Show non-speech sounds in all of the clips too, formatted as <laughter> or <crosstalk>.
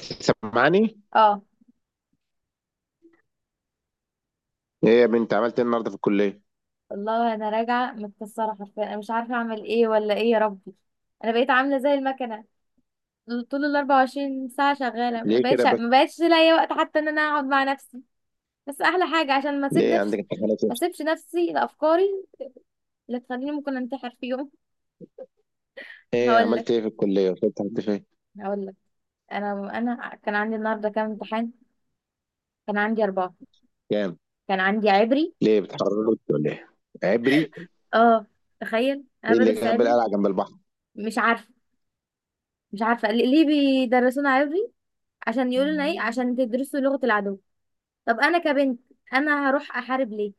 سامعني؟ اه، ايه يا بنت عملت ايه النهارده في الكلية؟ والله انا راجعه متكسره حرفيا، انا مش عارفه اعمل ايه ولا ايه يا ربي. انا بقيت عامله زي المكنه. طول ال 24 ساعه شغاله، ما ليه كده بقتش ما بس؟ بقتش لاقيه وقت حتى ان انا اقعد مع نفسي. بس احلى حاجه عشان ما اسيب ليه نفسي، عندك امتحانات ايه؟ ما اسيبش نفسي لافكاري اللي تخليني ممكن انتحر في يوم. ايه هقول لك عملت ايه في الكلية؟ وصلت لحد فين؟ هقول لك. انا كان عندي النهارده كام امتحان. كان عندي اربعه. كام؟ كان عندي عبري. ليه بتحرروا ولا ايه؟ عبري. اه، تخيل انا ايه اللي بدرس جاب عبري. القلعة جنب البحر؟ مش عارفه مش عارفه ليه، بيدرسونا عبري. عشان يقولوا لنا ايه، عشان تدرسوا لغة العدو. طب انا كبنت، انا هروح احارب ليه؟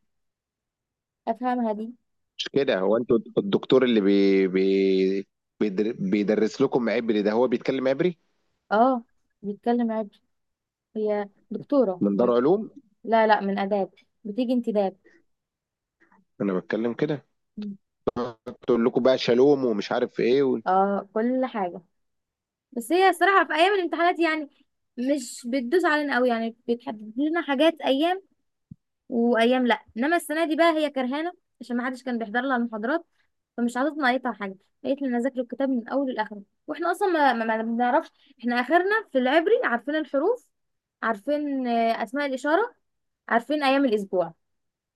افهمها دي. مش كده، هو انتوا الدكتور اللي بي بي بيدرس لكم عبري، ده هو بيتكلم عبري. اه، بيتكلم عبري. هي دكتورة من دار من، علوم. لا، لا، من اداب، بتيجي انتداب. انا بتكلم كده. مم. تقول لكم بقى شالوم ومش عارف ايه. اه، كل حاجة. بس هي الصراحة في ايام الامتحانات يعني مش بتدوس علينا قوي، يعني بتحدد لنا حاجات ايام وايام، لا انما السنه دي بقى هي كرهانه عشان ما حدش كان بيحضر لها المحاضرات، فمش حاطط نقيتها حاجه. قالت لي انا اذاكر الكتاب من اوله لاخره، واحنا اصلا ما بنعرفش. احنا اخرنا في العبري عارفين الحروف، عارفين اسماء الاشاره، عارفين ايام الاسبوع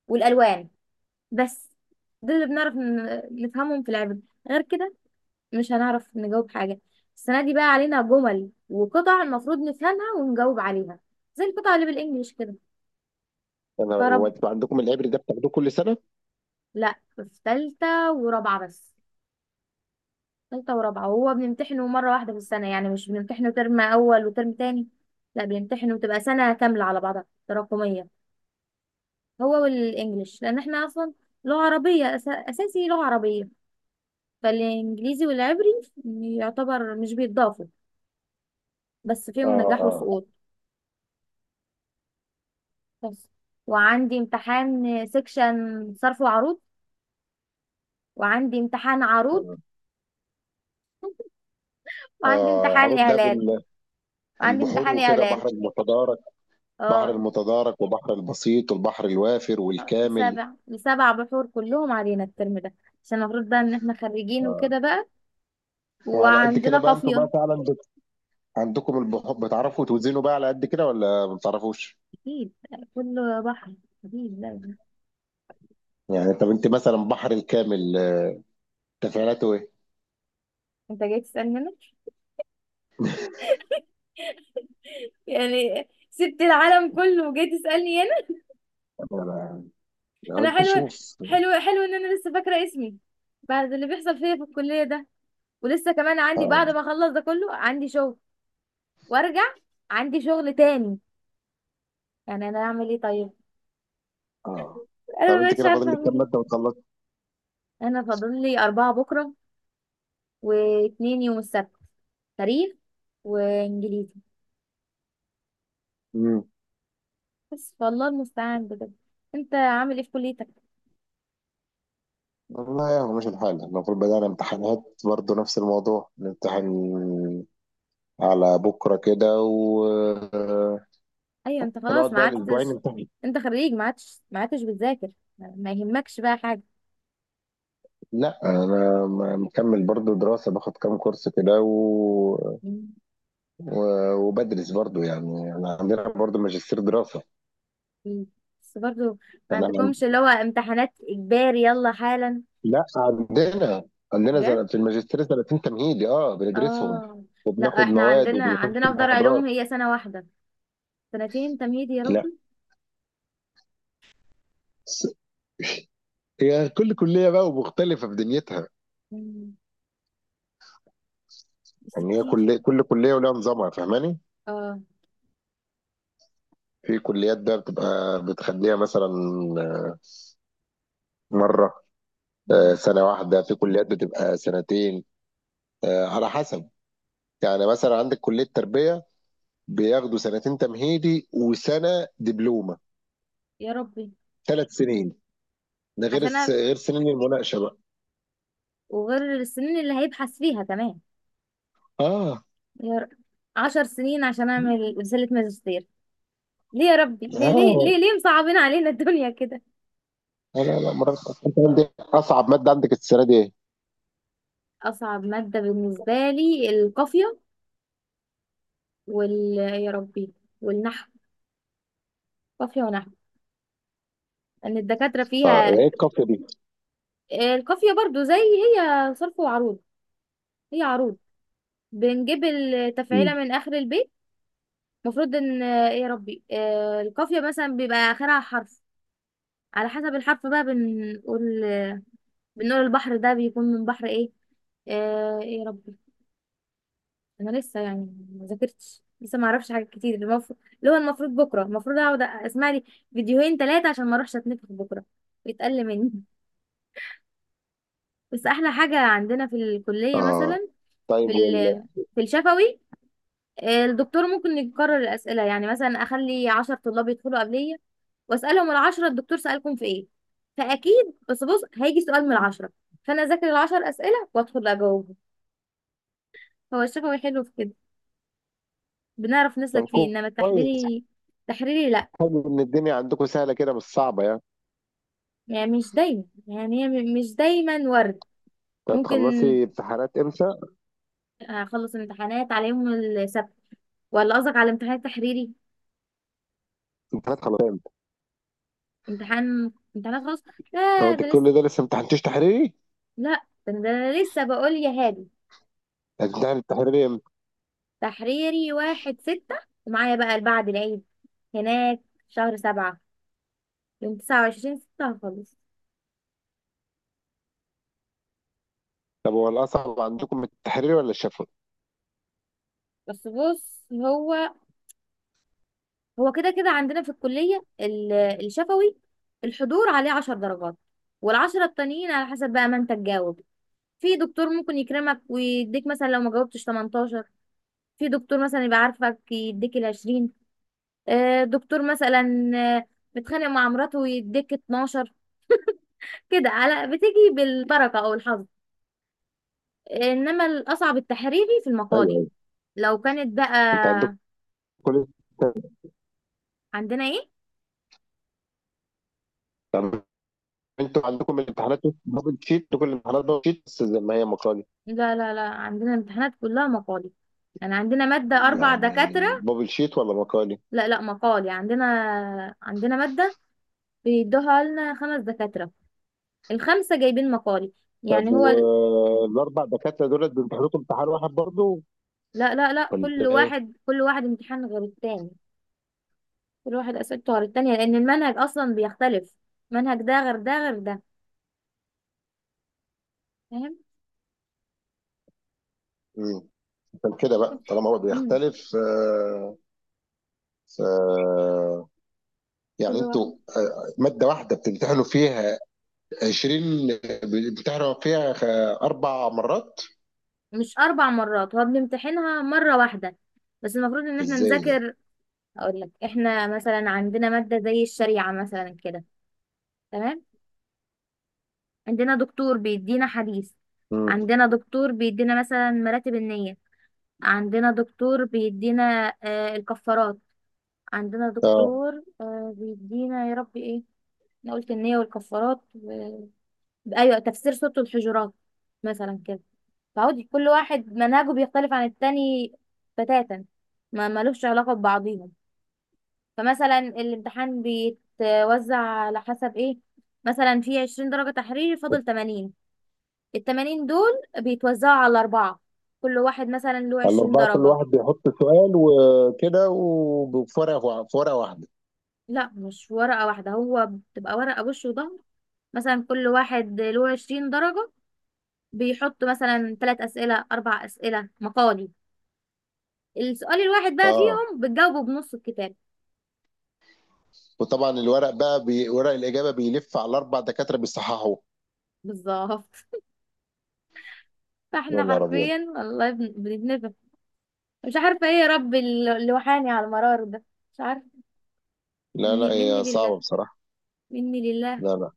والالوان بس. ده اللي بنعرف نفهمهم في العبري. غير كده مش هنعرف نجاوب حاجه. السنه دي بقى علينا جمل وقطع المفروض نفهمها ونجاوب عليها، زي القطع اللي بالانجليش كده. انا، هو فرب، انتوا عندكم العبري ده بتاخدوه كل سنة؟ لا في ثالثه ورابعه بس. تالتة ورابعة، وهو بنمتحنه مرة واحدة في السنة، يعني مش بنمتحنه ترم أول وترم تاني، لا بنمتحنه بتبقى سنة كاملة على بعضها تراكمية. هو والإنجليش، لأن احنا أصلا لغة عربية أساسي لغة عربية، فالإنجليزي والعبري يعتبر مش بيتضافوا بس اه. فيهم نجاح اه. وسقوط. بس وعندي امتحان سكشن صرف وعروض، وعندي امتحان عروض، وعندي اه. امتحان عروض ده إعلال وعندي البحور امتحان وكده بحر إعلال المتضارع، بحر اه، المتدارك وبحر البسيط والبحر الوافر والكامل. سبع بحور كلهم علينا الترم ده، عشان المفروض بقى ان احنا خريجين وكده بقى، وعلى قد كده وعندنا بقى انتوا قافية. بقى فعلا عندكم البحر بتعرفوا توزنوا بقى على قد كده ولا ما بتعرفوش؟ اكيد، كله بحر، اكيد لازم. يعني طب انت مثلا بحر الكامل، تفعيلاته ايه؟ انت جاي تسألني انا؟ يعني سبت العالم كله وجاي تسألني انا؟ انا انا قلت حلوة، اشوف. حلوة ان انا لسه فاكرة اسمي بعد اللي بيحصل فيا في الكلية ده. ولسه كمان عندي، اه. بعد ما اخلص ده كله عندي شغل وارجع، عندي شغل تاني. يعني انا اعمل ايه طيب؟ اه. انا طب ما انت بقتش كده عارفة فاضل لك اعمل كام ماده ايه. وتخلص؟ انا فاضل لي اربعة بكرة، واتنين يوم السبت: تاريخ وانجليزي. امم. بس والله المستعان بجد. انت عامل ايه في كليتك؟ والله يا مش الحال، المفروض بدأنا امتحانات برضو، نفس الموضوع نمتحن على بكره كده، وهنقعد ايوه، انت خلاص ما بقى الاسبوعين عدتش. نمتحن. انت خريج، ما عدتش بتذاكر. ما يهمكش بقى حاجه. لا انا مكمل برضو دراسه، باخد كام كورس كده مم. و... وبدرس برضو. يعني انا عندنا برضو ماجستير دراسه. بس برضه ما يعني انا، عندكمش اللي هو امتحانات اجباري يلا حالا؟ لا عندنا، عندنا بجد، في الماجستير سنتين تمهيدي، بندرسهم، اه. لا وبناخد احنا مواد عندنا وبنخش عندنا في دار علوم محاضرات. هي سنه واحده. سنتين تمهيدي يا لا، ربي. س- هي كل كليه بقى ومختلفه في دنيتها. مم. بس يعني هي كتير، كل كليه ولها نظامها، فاهماني؟ اه. في كليات بقى بتبقى بتخليها مثلا مره، مم. سنه واحده، في كليات بتبقى سنتين، على حسب. يعني مثلا عندك كلية تربية، بياخدوا سنتين تمهيدي وسنة دبلومة، يا ربي، ثلاث سنين. ده غير عشان، غير سنين المناقشة بقى. وغير السنين اللي هيبحث فيها كمان، اه. يا ر- 10 سنين عشان اعمل رسالة ماجستير. ليه يا ربي؟ ليه ليه اه. ليه, ليه مصعبين علينا الدنيا كده؟ لا لا لا مرات. انت عندك اصعب مادة عندك السنة دي ايه؟ اصعب مادة بالنسبة لي القافية، وال يا ربي، والنحو. قافية ونحو ان الدكاترة اه، فيها. ايه الكافية دي؟ القافية برضو زي هي صرف وعروض. هي عروض، بنجيب التفعيلة مم. من اخر البيت. المفروض ان آه، يا ربي آه، القافية مثلا بيبقى اخرها حرف. على حسب الحرف بقى بنقول، بنقول البحر ده بيكون من بحر ايه. آه، ايه يا ربي. انا لسه يعني ما ذاكرتش لسه، ما اعرفش حاجات كتير. المفروض اللي هو المفروض بكره، المفروض اقعد اسمع لي فيديوهين ثلاثه عشان ما اروحش اتنفخ بكره يتقل مني. بس احلى حاجه عندنا في الكليه اه، مثلا في طيب ال... في الشفوي، الدكتور ممكن يكرر الاسئله. يعني مثلا اخلي 10 طلاب يدخلوا قبليه واسالهم العشرة الدكتور سالكم في ايه. فاكيد بس بص هيجي سؤال من العشرة. فانا اذاكر العشر اسئله وادخل اجاوبه. هو الشفوي حلو في كده، بنعرف طب نسلك فيه، انما كويس. التحريري، تحريري لا. حلو ان الدنيا عندكم سهلة كده، مش صعبة يعني. يعني مش دايما، يعني هي مش دايما ورد. انت ممكن هتخلصي امتحانات امتى؟ اخلص الامتحانات على يوم السبت، ولا قصدك على امتحان تحريري؟ امتحانات خلاص امتى؟ امتحان، امتحانات خلاص، طب لا انت ده لسه. كل ده لسه ما امتحنتيش تحريري؟ لا ده أنا لسه بقول يا هادي. هتمتحن التحريري امتى؟ تحريري 1/6، ومعايا بقى بعد العيد هناك شهر 7، يوم 29/6 هخلص. طب هو الاصعب عندكم التحريري ولا الشفوي؟ بس بص، هو هو كده عندنا في الكلية الشفوي الحضور عليه 10 درجات. والعشرة التانيين على حسب بقى ما انت تجاوب. في دكتور ممكن يكرمك ويديك مثلا لو ما جاوبتش 18. في دكتور مثلا يبقى عارفك يديك العشرين. دكتور مثلا آه، متخانق مع مراته ويديك 12. كده، على بتيجي بالبركة أو الحظ. إنما الأصعب التحريري في المقالي ايوه. لو كانت بقى. انت عندكم، كل، عندنا إيه؟ طب انتوا عندكم الامتحانات بابل شيت، كل الامتحانات بابل شيت بس زي ما هي مقالي؟ لا، لا، لا، عندنا امتحانات كلها مقالي. يعني عندنا مادة أربع يعني دكاترة، بابل شيت ولا مقالي؟ لا لا مقال، يعني عندنا، مادة بيدوها لنا خمس دكاترة، الخمسة جايبين مقالي. يعني طب هو والاربع دكاتره دول بيمتحنوكم امتحان واحد برضه لا، لا، لا، كل ولا ايه؟ واحد كل واحد امتحان غير التاني. كل واحد أسئلته غير التانية لأن المنهج أصلا بيختلف، منهج ده غير ده غير ده، فاهم. مم. عشان كده بقى طالما هو مم. بيختلف، ف، يعني كل انتوا، واحد، ماده واحده بتمتحنوا فيها 20، بتمتحنوا فيها اربع مرات. مش أربع مرات، هو بنمتحنها مرة واحدة بس المفروض إن احنا ازاي ده؟ نذاكر. أقول لك احنا مثلا عندنا مادة زي الشريعة مثلا كده، تمام. عندنا دكتور بيدينا حديث، مم. عندنا دكتور بيدينا مثلا مراتب النية، عندنا دكتور بيدينا الكفارات، عندنا اه. دكتور بيدينا يا ربي ايه. انا قلت النية والكفارات و... ايوه، تفسير سورة الحجرات مثلا كده. فعودي كل واحد منهجه بيختلف عن التاني بتاتا، ما ملوش علاقة ببعضيهم. فمثلا الامتحان بيتوزع على حسب ايه، مثلا في 20 درجة تحريري، فاضل 80، التمانين دول بيتوزعوا على أربعة، كل واحد مثلا له عشرين الأربعة كل درجة. واحد بيحط سؤال وكده، وبفرق، فرقة واحدة. لا مش ورقة واحدة، هو بتبقى ورقة وش وظهر. مثلا كل واحد له عشرين درجة، بيحط مثلا تلات أسئلة أربع أسئلة مقالي، السؤال الواحد بقى اه، فيهم بتجاوبه بنص الكتاب. وطبعا الورق بقى ورق الإجابة بيلف على الأربع دكاترة بيصححوه. بالظبط. <laughs> يا فاحنا نهار أبيض. حرفيا والله بنتنفخ. مش عارفة ايه يا رب اللي وحاني على المرار ده، مش عارفة. لا لا، مني، مني هي لله، صعبة بصراحة. مني لله. لا لا.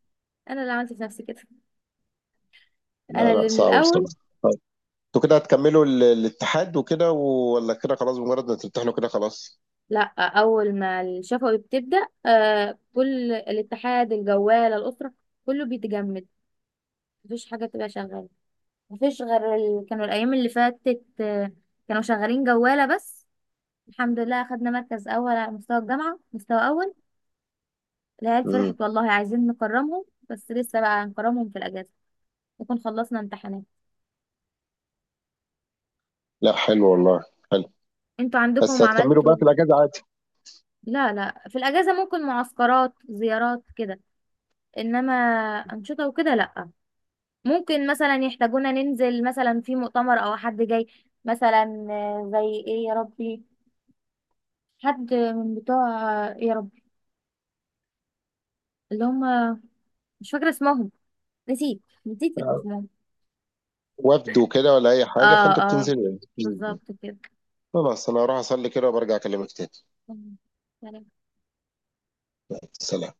انا اللي عملت في نفسي كده، لا، انا لا اللي من صعبة بصراحة. الاول. طيب انتوا كده هتكملوا الاتحاد وكده، ولا كده خلاص بمجرد ما تمتحنوا كده خلاص؟ لا اول ما الشفوي بتبدا كل الاتحاد، الجواله، الاسره، كله بيتجمد. مفيش حاجه بتبقى شغاله. مفيش غير كانوا الايام اللي فاتت كانوا شغالين جواله بس. الحمد لله اخدنا مركز اول على مستوى الجامعه، مستوى اول. العيال فرحت امم. والله، عايزين نكرمهم. بس لسه بقى هنكرمهم في الاجازه، نكون خلصنا امتحانات. لا حلو والله. حلو. انتوا بس عندكم هتكملوا عملتوا؟ بقى في الأجازة عادي؟ لا لا، في الاجازه ممكن معسكرات زيارات كده، انما انشطه وكده لا. ممكن مثلا يحتاجونا ننزل مثلا في مؤتمر او حد جاي مثلا، زي ايه يا ربي، حد من بتوع آه، يا ربي اللي هم مش فاكره اسمهم، نسيت اسمهم. وفد وكده ولا أي حاجة، اه، فأنتوا اه، بتنزلوا يعني. مم. بالظبط خلاص، أنا هروح أصلي كده وبرجع أكلمك تاني. كده. سلام.